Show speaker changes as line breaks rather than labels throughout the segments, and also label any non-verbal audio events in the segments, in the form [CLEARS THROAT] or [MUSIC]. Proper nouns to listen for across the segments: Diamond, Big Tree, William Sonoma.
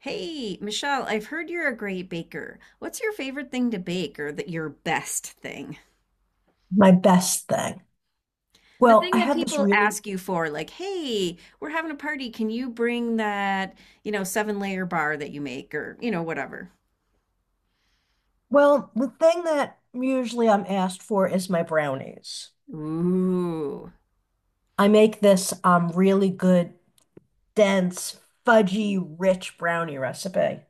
Hey, Michelle, I've heard you're a great baker. What's your favorite thing to bake or that your best thing?
My best thing.
The
Well,
thing
I
that
have this
people
really,
ask you for, like, hey, we're having a party. Can you bring that, seven layer bar that you make or whatever?
well, the thing that usually I'm asked for is my brownies.
Ooh.
I make this really good, dense, fudgy, rich brownie recipe.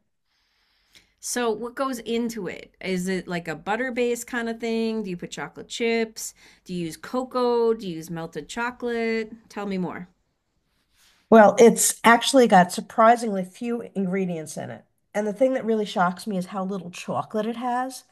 So what goes into it? Is it like a butter-based kind of thing? Do you put chocolate chips? Do you use cocoa? Do you use melted chocolate? Tell me more.
Well, it's actually got surprisingly few ingredients in it. And the thing that really shocks me is how little chocolate it has,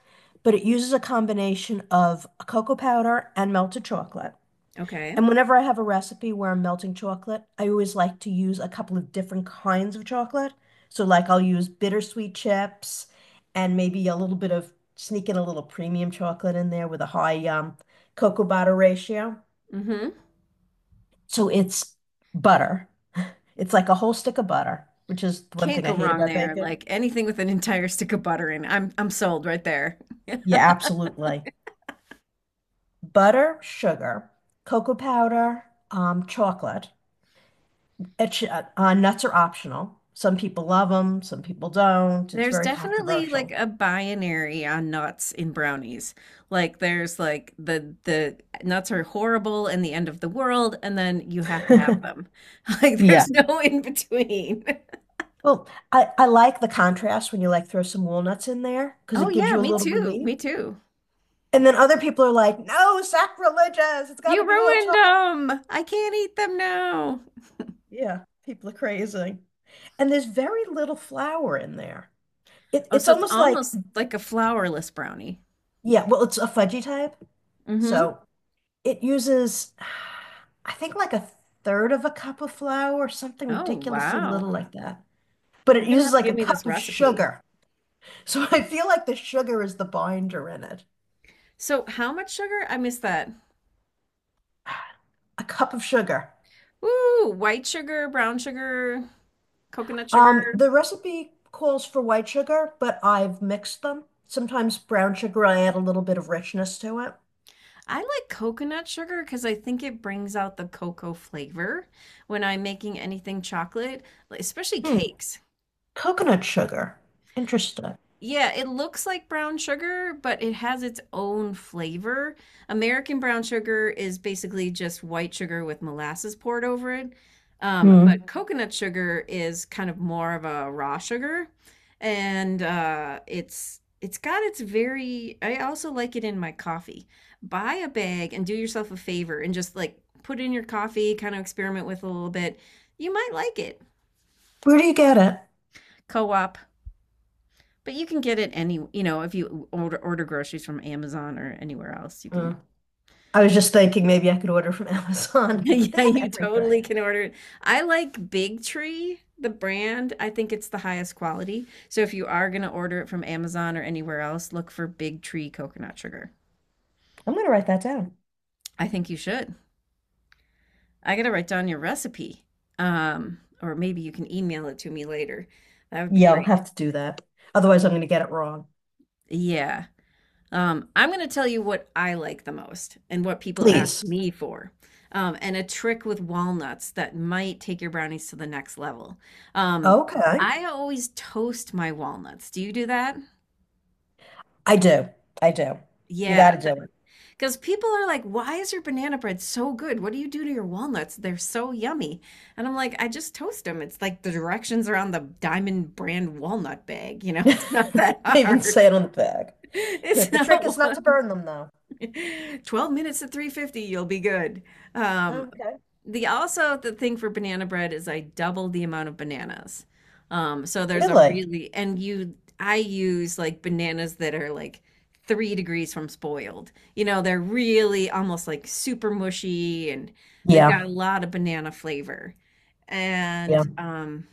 but it uses a combination of cocoa powder and melted chocolate.
Okay.
And whenever I have a recipe where I'm melting chocolate, I always like to use a couple of different kinds of chocolate. So, like, I'll use bittersweet chips and maybe a little bit of sneak in a little premium chocolate in there with a high cocoa butter ratio.
Mm-hmm.
So, it's butter. It's like a whole stick of butter, which is the one
Can't
thing I
go
hate
wrong
about
there.
bacon.
Like anything with an entire stick of butter in, I'm sold right there.
Yeah, absolutely. Butter, sugar, cocoa powder, chocolate. Nuts are optional. Some people love them, some people don't. It's
There's
very
definitely like
controversial.
a binary on nuts in brownies. Like there's like the nuts are horrible and the end of the world, and then you have to have
[LAUGHS]
them. [LAUGHS] Like
Yeah.
there's no in between. [LAUGHS]
Well, I like the contrast when you like throw some walnuts in there because
Oh
it gives
yeah,
you a
me
little
too.
relief.
Me too.
And then other people are like, no, sacrilegious. It's got to
You
be all
ruined
chocolate.
them. I can't eat them now.
Yeah, people are crazy. And there's very little flour in there. It,
Oh,
it's
so it's
almost like,
almost like a flourless brownie.
yeah, well, it's a fudgy type.
Mm-hmm.
So it uses, I think, like a third of a cup of flour, something
Oh
ridiculously little
wow.
like that. But
You're
it
gonna
uses
have to
like
give
a
me this
cup of
recipe.
sugar. So I feel like the sugar is the binder in it.
So, how much sugar? I missed that.
A cup of sugar.
Ooh, white sugar, brown sugar, coconut sugar.
The recipe calls for white sugar, but I've mixed them. Sometimes brown sugar, I add a little bit of richness to it.
I like coconut sugar because I think it brings out the cocoa flavor when I'm making anything chocolate, like- especially
Hmm.
cakes.
Coconut sugar. Interesting.
Yeah, it looks like brown sugar, but it has its own flavor. American brown sugar is basically just white sugar with molasses poured over it. But
Hmm.
coconut sugar is kind of more of a raw sugar, and it's got its very. I also like it in my coffee. Buy a bag and do yourself a favor and just like put it in your coffee, kind of experiment with it a little bit. You might like it.
Where do you get it?
Co-op. But you can get it any, you know, if you order groceries from Amazon or anywhere else, you can.
Hmm.
[LAUGHS]
I was just thinking maybe I could order from [LAUGHS] Amazon. They
Yeah,
have
you totally
everything.
can order it. I like Big Tree, the brand. I think it's the highest quality. So if you are going to order it from Amazon or anywhere else, look for Big Tree coconut sugar.
I'm gonna write that down.
I think you should. I got to write down your recipe. Or maybe you can email it to me later. That would be
Yeah, I'll
great.
have to do that. Otherwise, I'm gonna get it wrong.
Yeah. I'm going to tell you what I like the most and what people ask
Please.
me for. And a trick with walnuts that might take your brownies to the next level. Um,
Okay.
I always toast my walnuts. Do you do that?
I do. I do. You got
Yeah,
to do
because people are like, why is your banana bread so good? What do you do to your walnuts? They're so yummy. And I'm like, I just toast them. It's like the directions are on the Diamond brand walnut bag. You know, [LAUGHS]
it.
it's not
[LAUGHS]
that
They even say
hard.
it
[LAUGHS]
on the bag.
It's
The trick
not,
is not to burn them, though.
[LAUGHS] 12 minutes at 350, you'll be good. Um,
Okay.
the also the thing for banana bread is I double the amount of bananas. So there's a
Really?
really and you I use like bananas that are like 3 degrees from spoiled. You know, they're really almost like super mushy and they've got
Yeah.
a lot of banana flavor.
Yeah.
And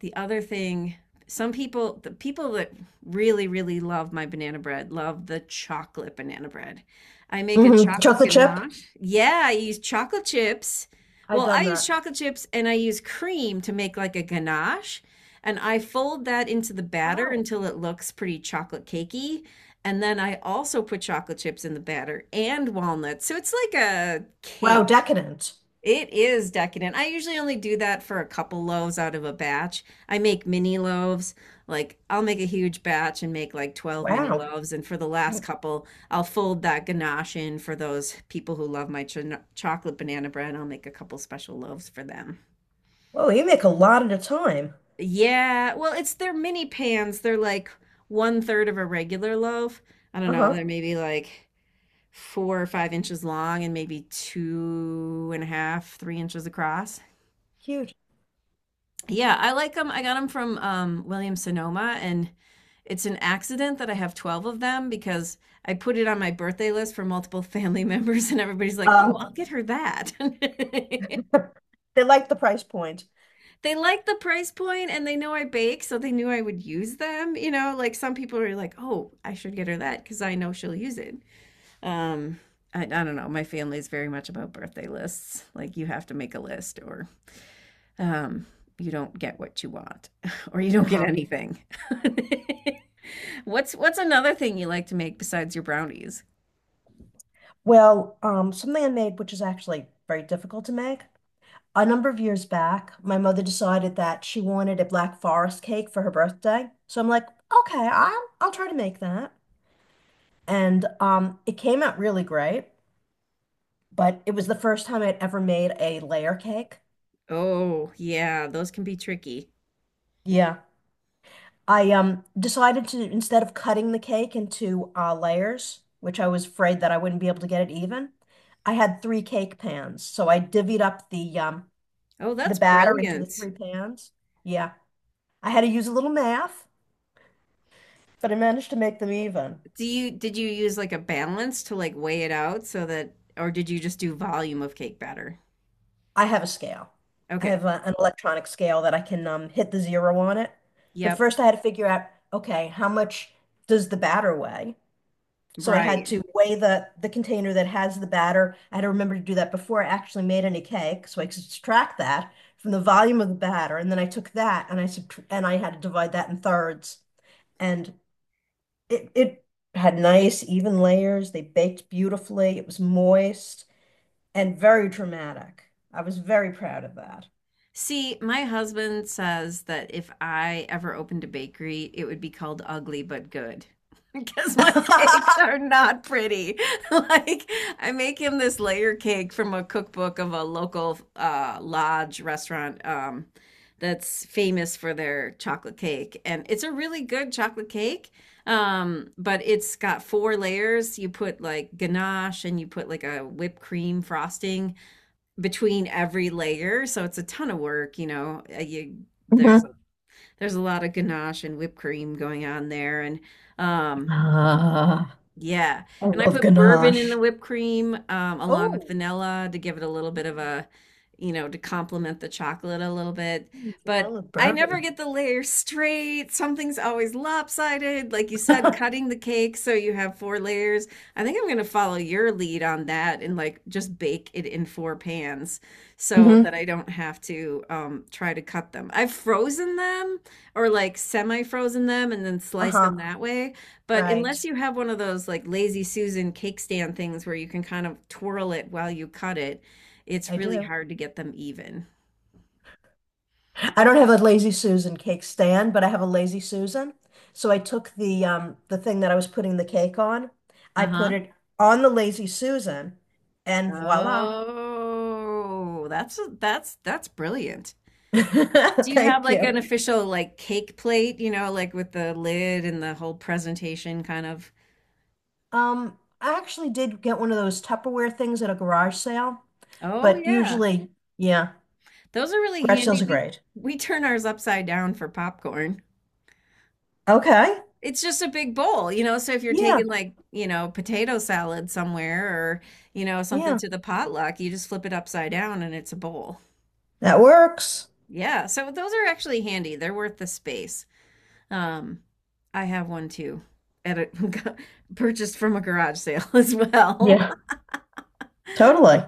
The other thing some people the people that really love my banana bread love the chocolate banana bread. I make a
Hmm.
chocolate
Chocolate chip?
ganache, yeah, I use chocolate chips.
I
Well, I
done
use
that.
chocolate chips and I use cream to make like a ganache, and I fold that into the batter
Oh,
until it looks pretty chocolate cakey, and then I also put chocolate chips in the batter and walnuts, so it's like a
wow,
cake.
decadent.
It is decadent. I usually only do that for a couple loaves out of a batch. I make mini loaves. Like I'll make a huge batch and make like 12 mini
Wow.
loaves. And for the last
You,
couple, I'll fold that ganache in for those people who love my ch chocolate banana bread. I'll make a couple special loaves for them.
whoa, you make a lot at a time.
Yeah, well, it's their mini pans. They're like one third of a regular loaf. I don't know.
Uh-huh.
They're maybe like 4 or 5 inches long and maybe two and a half, 3 inches across.
Huge.
Yeah, I like them. I got them from William Sonoma, and it's an accident that I have 12 of them because I put it on my birthday list for multiple [LAUGHS] family members, and everybody's like, oh,
Um,
I'll get her that. [LAUGHS]
they like the price point.
They like the price point and they know I bake, so they knew I would use them. You know, like some people are like, oh, I should get her that because I know she'll use it. Um, I don't know. My family is very much about birthday lists. Like, you have to make a list, or um, you don't get what you want [LAUGHS] or you don't get
Uh-huh.
anything. [LAUGHS] What's another thing you like to make besides your brownies?
Well, something I made, which is actually very difficult to make. A number of years back, my mother decided that she wanted a Black Forest cake for her birthday. So I'm like, okay, I'll try to make that. And it came out really great, but it was the first time I'd ever made a layer cake.
Oh, yeah, those can be tricky.
Yeah. I decided to, instead of cutting the cake into layers, which I was afraid that I wouldn't be able to get it even, I had three cake pans. So I divvied up
Oh,
the
that's
batter into the
brilliant.
three pans. Yeah. I had to use a little math, but I managed to make them even.
Do you did you use like a balance to like weigh it out so that or did you just do volume of cake batter?
I have a scale. I
Okay.
have a, an electronic scale that I can hit the zero on it. But
Yep.
first, I had to figure out, okay, how much does the batter weigh? So I had
Right.
to weigh the container that has the batter. I had to remember to do that before I actually made any cake, so I could subtract that from the volume of the batter, and then I took that and I subtr and I had to divide that in thirds, and it had nice even layers. They baked beautifully. It was moist and very dramatic. I was very proud of that.
See, my husband says that if I ever opened a bakery, it would be called Ugly But Good [LAUGHS] because my
[LAUGHS]
cakes are not pretty. [LAUGHS] Like, I make him this layer cake from a cookbook of a local lodge restaurant that's famous for their chocolate cake. And it's a really good chocolate cake, but it's got four layers. You put like ganache and you put like a whipped cream frosting between every layer. So it's a ton of work, you know. You there's
Mm-hmm.
there's a lot of ganache and whipped cream going on there, and um,
Ah,
yeah.
I
And I
love
put bourbon in the
ganache.
whipped cream along with
Oh,
vanilla to give it a little bit of a, you know, to complement the chocolate a little bit.
mm, I
But
love
I never
bourbon.
get the layer straight. Something's always lopsided. Like you
[LAUGHS]
said, cutting the cake so you have four layers. I think I'm going to follow your lead on that and like just bake it in four pans so
Mm-hmm.
that I don't have to try to cut them. I've frozen them or like semi-frozen them and then sliced
Uh-huh,
them that way. But
right.
unless you have one of those like lazy Susan cake stand things where you can kind of twirl it while you cut it, it's
I
really
do.
hard to get them even.
I don't have a Lazy Susan cake stand, but I have a Lazy Susan. So I took the thing that I was putting the cake on, I put
Uh-huh.
it on the Lazy Susan, and voila.
Oh, that's brilliant. Do
[LAUGHS]
you have
Thank
like
you.
an official like cake plate, you know, like with the lid and the whole presentation kind of?
I actually did get one of those Tupperware things at a garage sale,
Oh
but
yeah.
usually, yeah,
Those are really
garage
handy.
sales are
We
great.
we turn ours upside down for popcorn.
Okay.
It's just a big bowl, you know? So if you're
Yeah,
taking like, you know, potato salad somewhere or, you know, something
yeah,
to the potluck, you just flip it upside down and it's a bowl.
that works.
Yeah, so those are actually handy. They're worth the space. Um, I have one too at a [LAUGHS] purchased from a garage sale [LAUGHS] as well.
Yeah.
[LAUGHS]
Totally.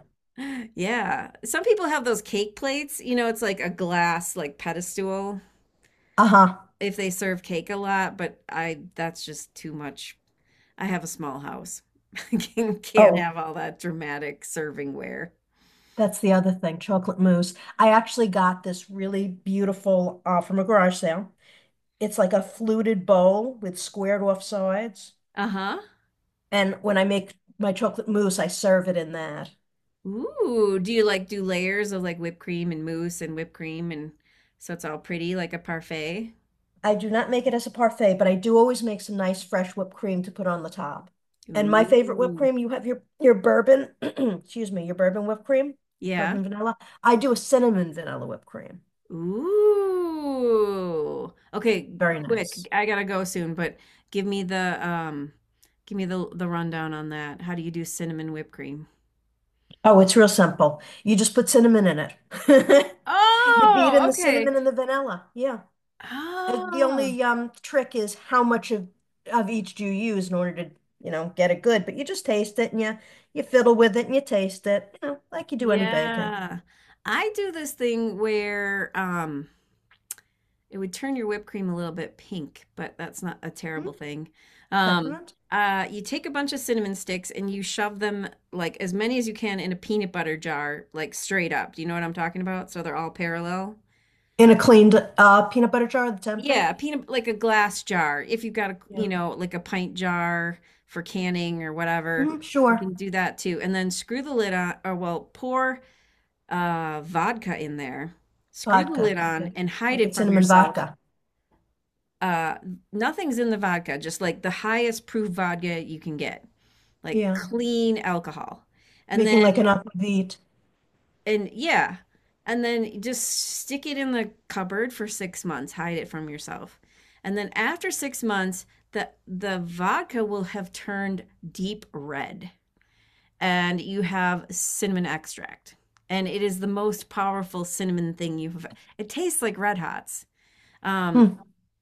Yeah. Some people have those cake plates, you know, it's like a glass like pedestal
Uh-huh.
if they serve cake a lot, but I that's just too much. I have a small house. [LAUGHS] I can- can't
Oh,
have all that dramatic servingware.
that's the other thing, chocolate mousse. I actually got this really beautiful from a garage sale. It's like a fluted bowl with squared off sides.
Uh-huh.
And when I make my chocolate mousse, I serve it in that.
Ooh, do you like do layers of like whipped cream and mousse and whipped cream and so it's all pretty like a parfait?
I do not make it as a parfait, but I do always make some nice fresh whipped cream to put on the top. And my favorite whipped
Ooh.
cream, you have your bourbon, [CLEARS THROAT] excuse me, your bourbon whipped cream,
Yeah.
bourbon vanilla. I do a cinnamon vanilla whipped cream.
Ooh. Okay,
Very
quick.
nice.
I gotta go soon, but give me the give me the rundown on that. How do you do cinnamon whipped cream?
Oh, it's real simple. You just put cinnamon in it. [LAUGHS] You beat
Oh,
in the
okay.
cinnamon and the vanilla. Yeah. The
Oh.
only trick is how much of each do you use in order to, you know, get it good. But you just taste it and you fiddle with it and you taste it, you know, like you do any baking.
Yeah. I do this thing where it would turn your whipped cream a little bit pink, but that's not a
Hmm.
terrible thing. Um
Peppermint?
you take a bunch of cinnamon sticks and you shove them like as many as you can in a peanut butter jar, like straight up. Do you know what I'm talking about? So they're all parallel.
In a cleaned peanut butter jar that's empty?
Yeah, a peanut like a glass jar. If you've got a,
Yeah.
you know, like a pint jar for canning or whatever,
Hmm,
you
sure.
can do that too. And then screw the lid on, or well, pour vodka in there, screw the
Vodka.
lid on,
Okay.
and hide
Making
it from
cinnamon
yourself.
vodka.
Uh, Nothing's in the vodka, just like the highest proof vodka you can get, like
Yeah.
clean alcohol. And
Making like
then,
an aquavit.
and yeah, and then just stick it in the cupboard for 6 months, hide it from yourself. And then after 6 months, the vodka will have turned deep red. And you have cinnamon extract. And it is the most powerful cinnamon thing you've. It tastes like Red Hots. Um,
Hmm.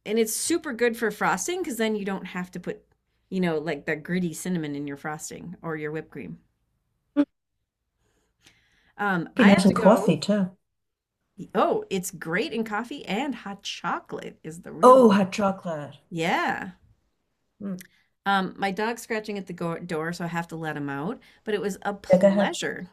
and it's super good for frosting because then you don't have to put, you know, like the gritty cinnamon in your frosting or your whipped cream.
Be
I have
nice
to
and
go.
coffee too.
Oh, it's great in coffee and hot chocolate is the real.
Oh, hot chocolate.
Yeah.
Hmm.
My dog's scratching at the door, so I have to let him out. But it was a
Yeah, go ahead.
pleasure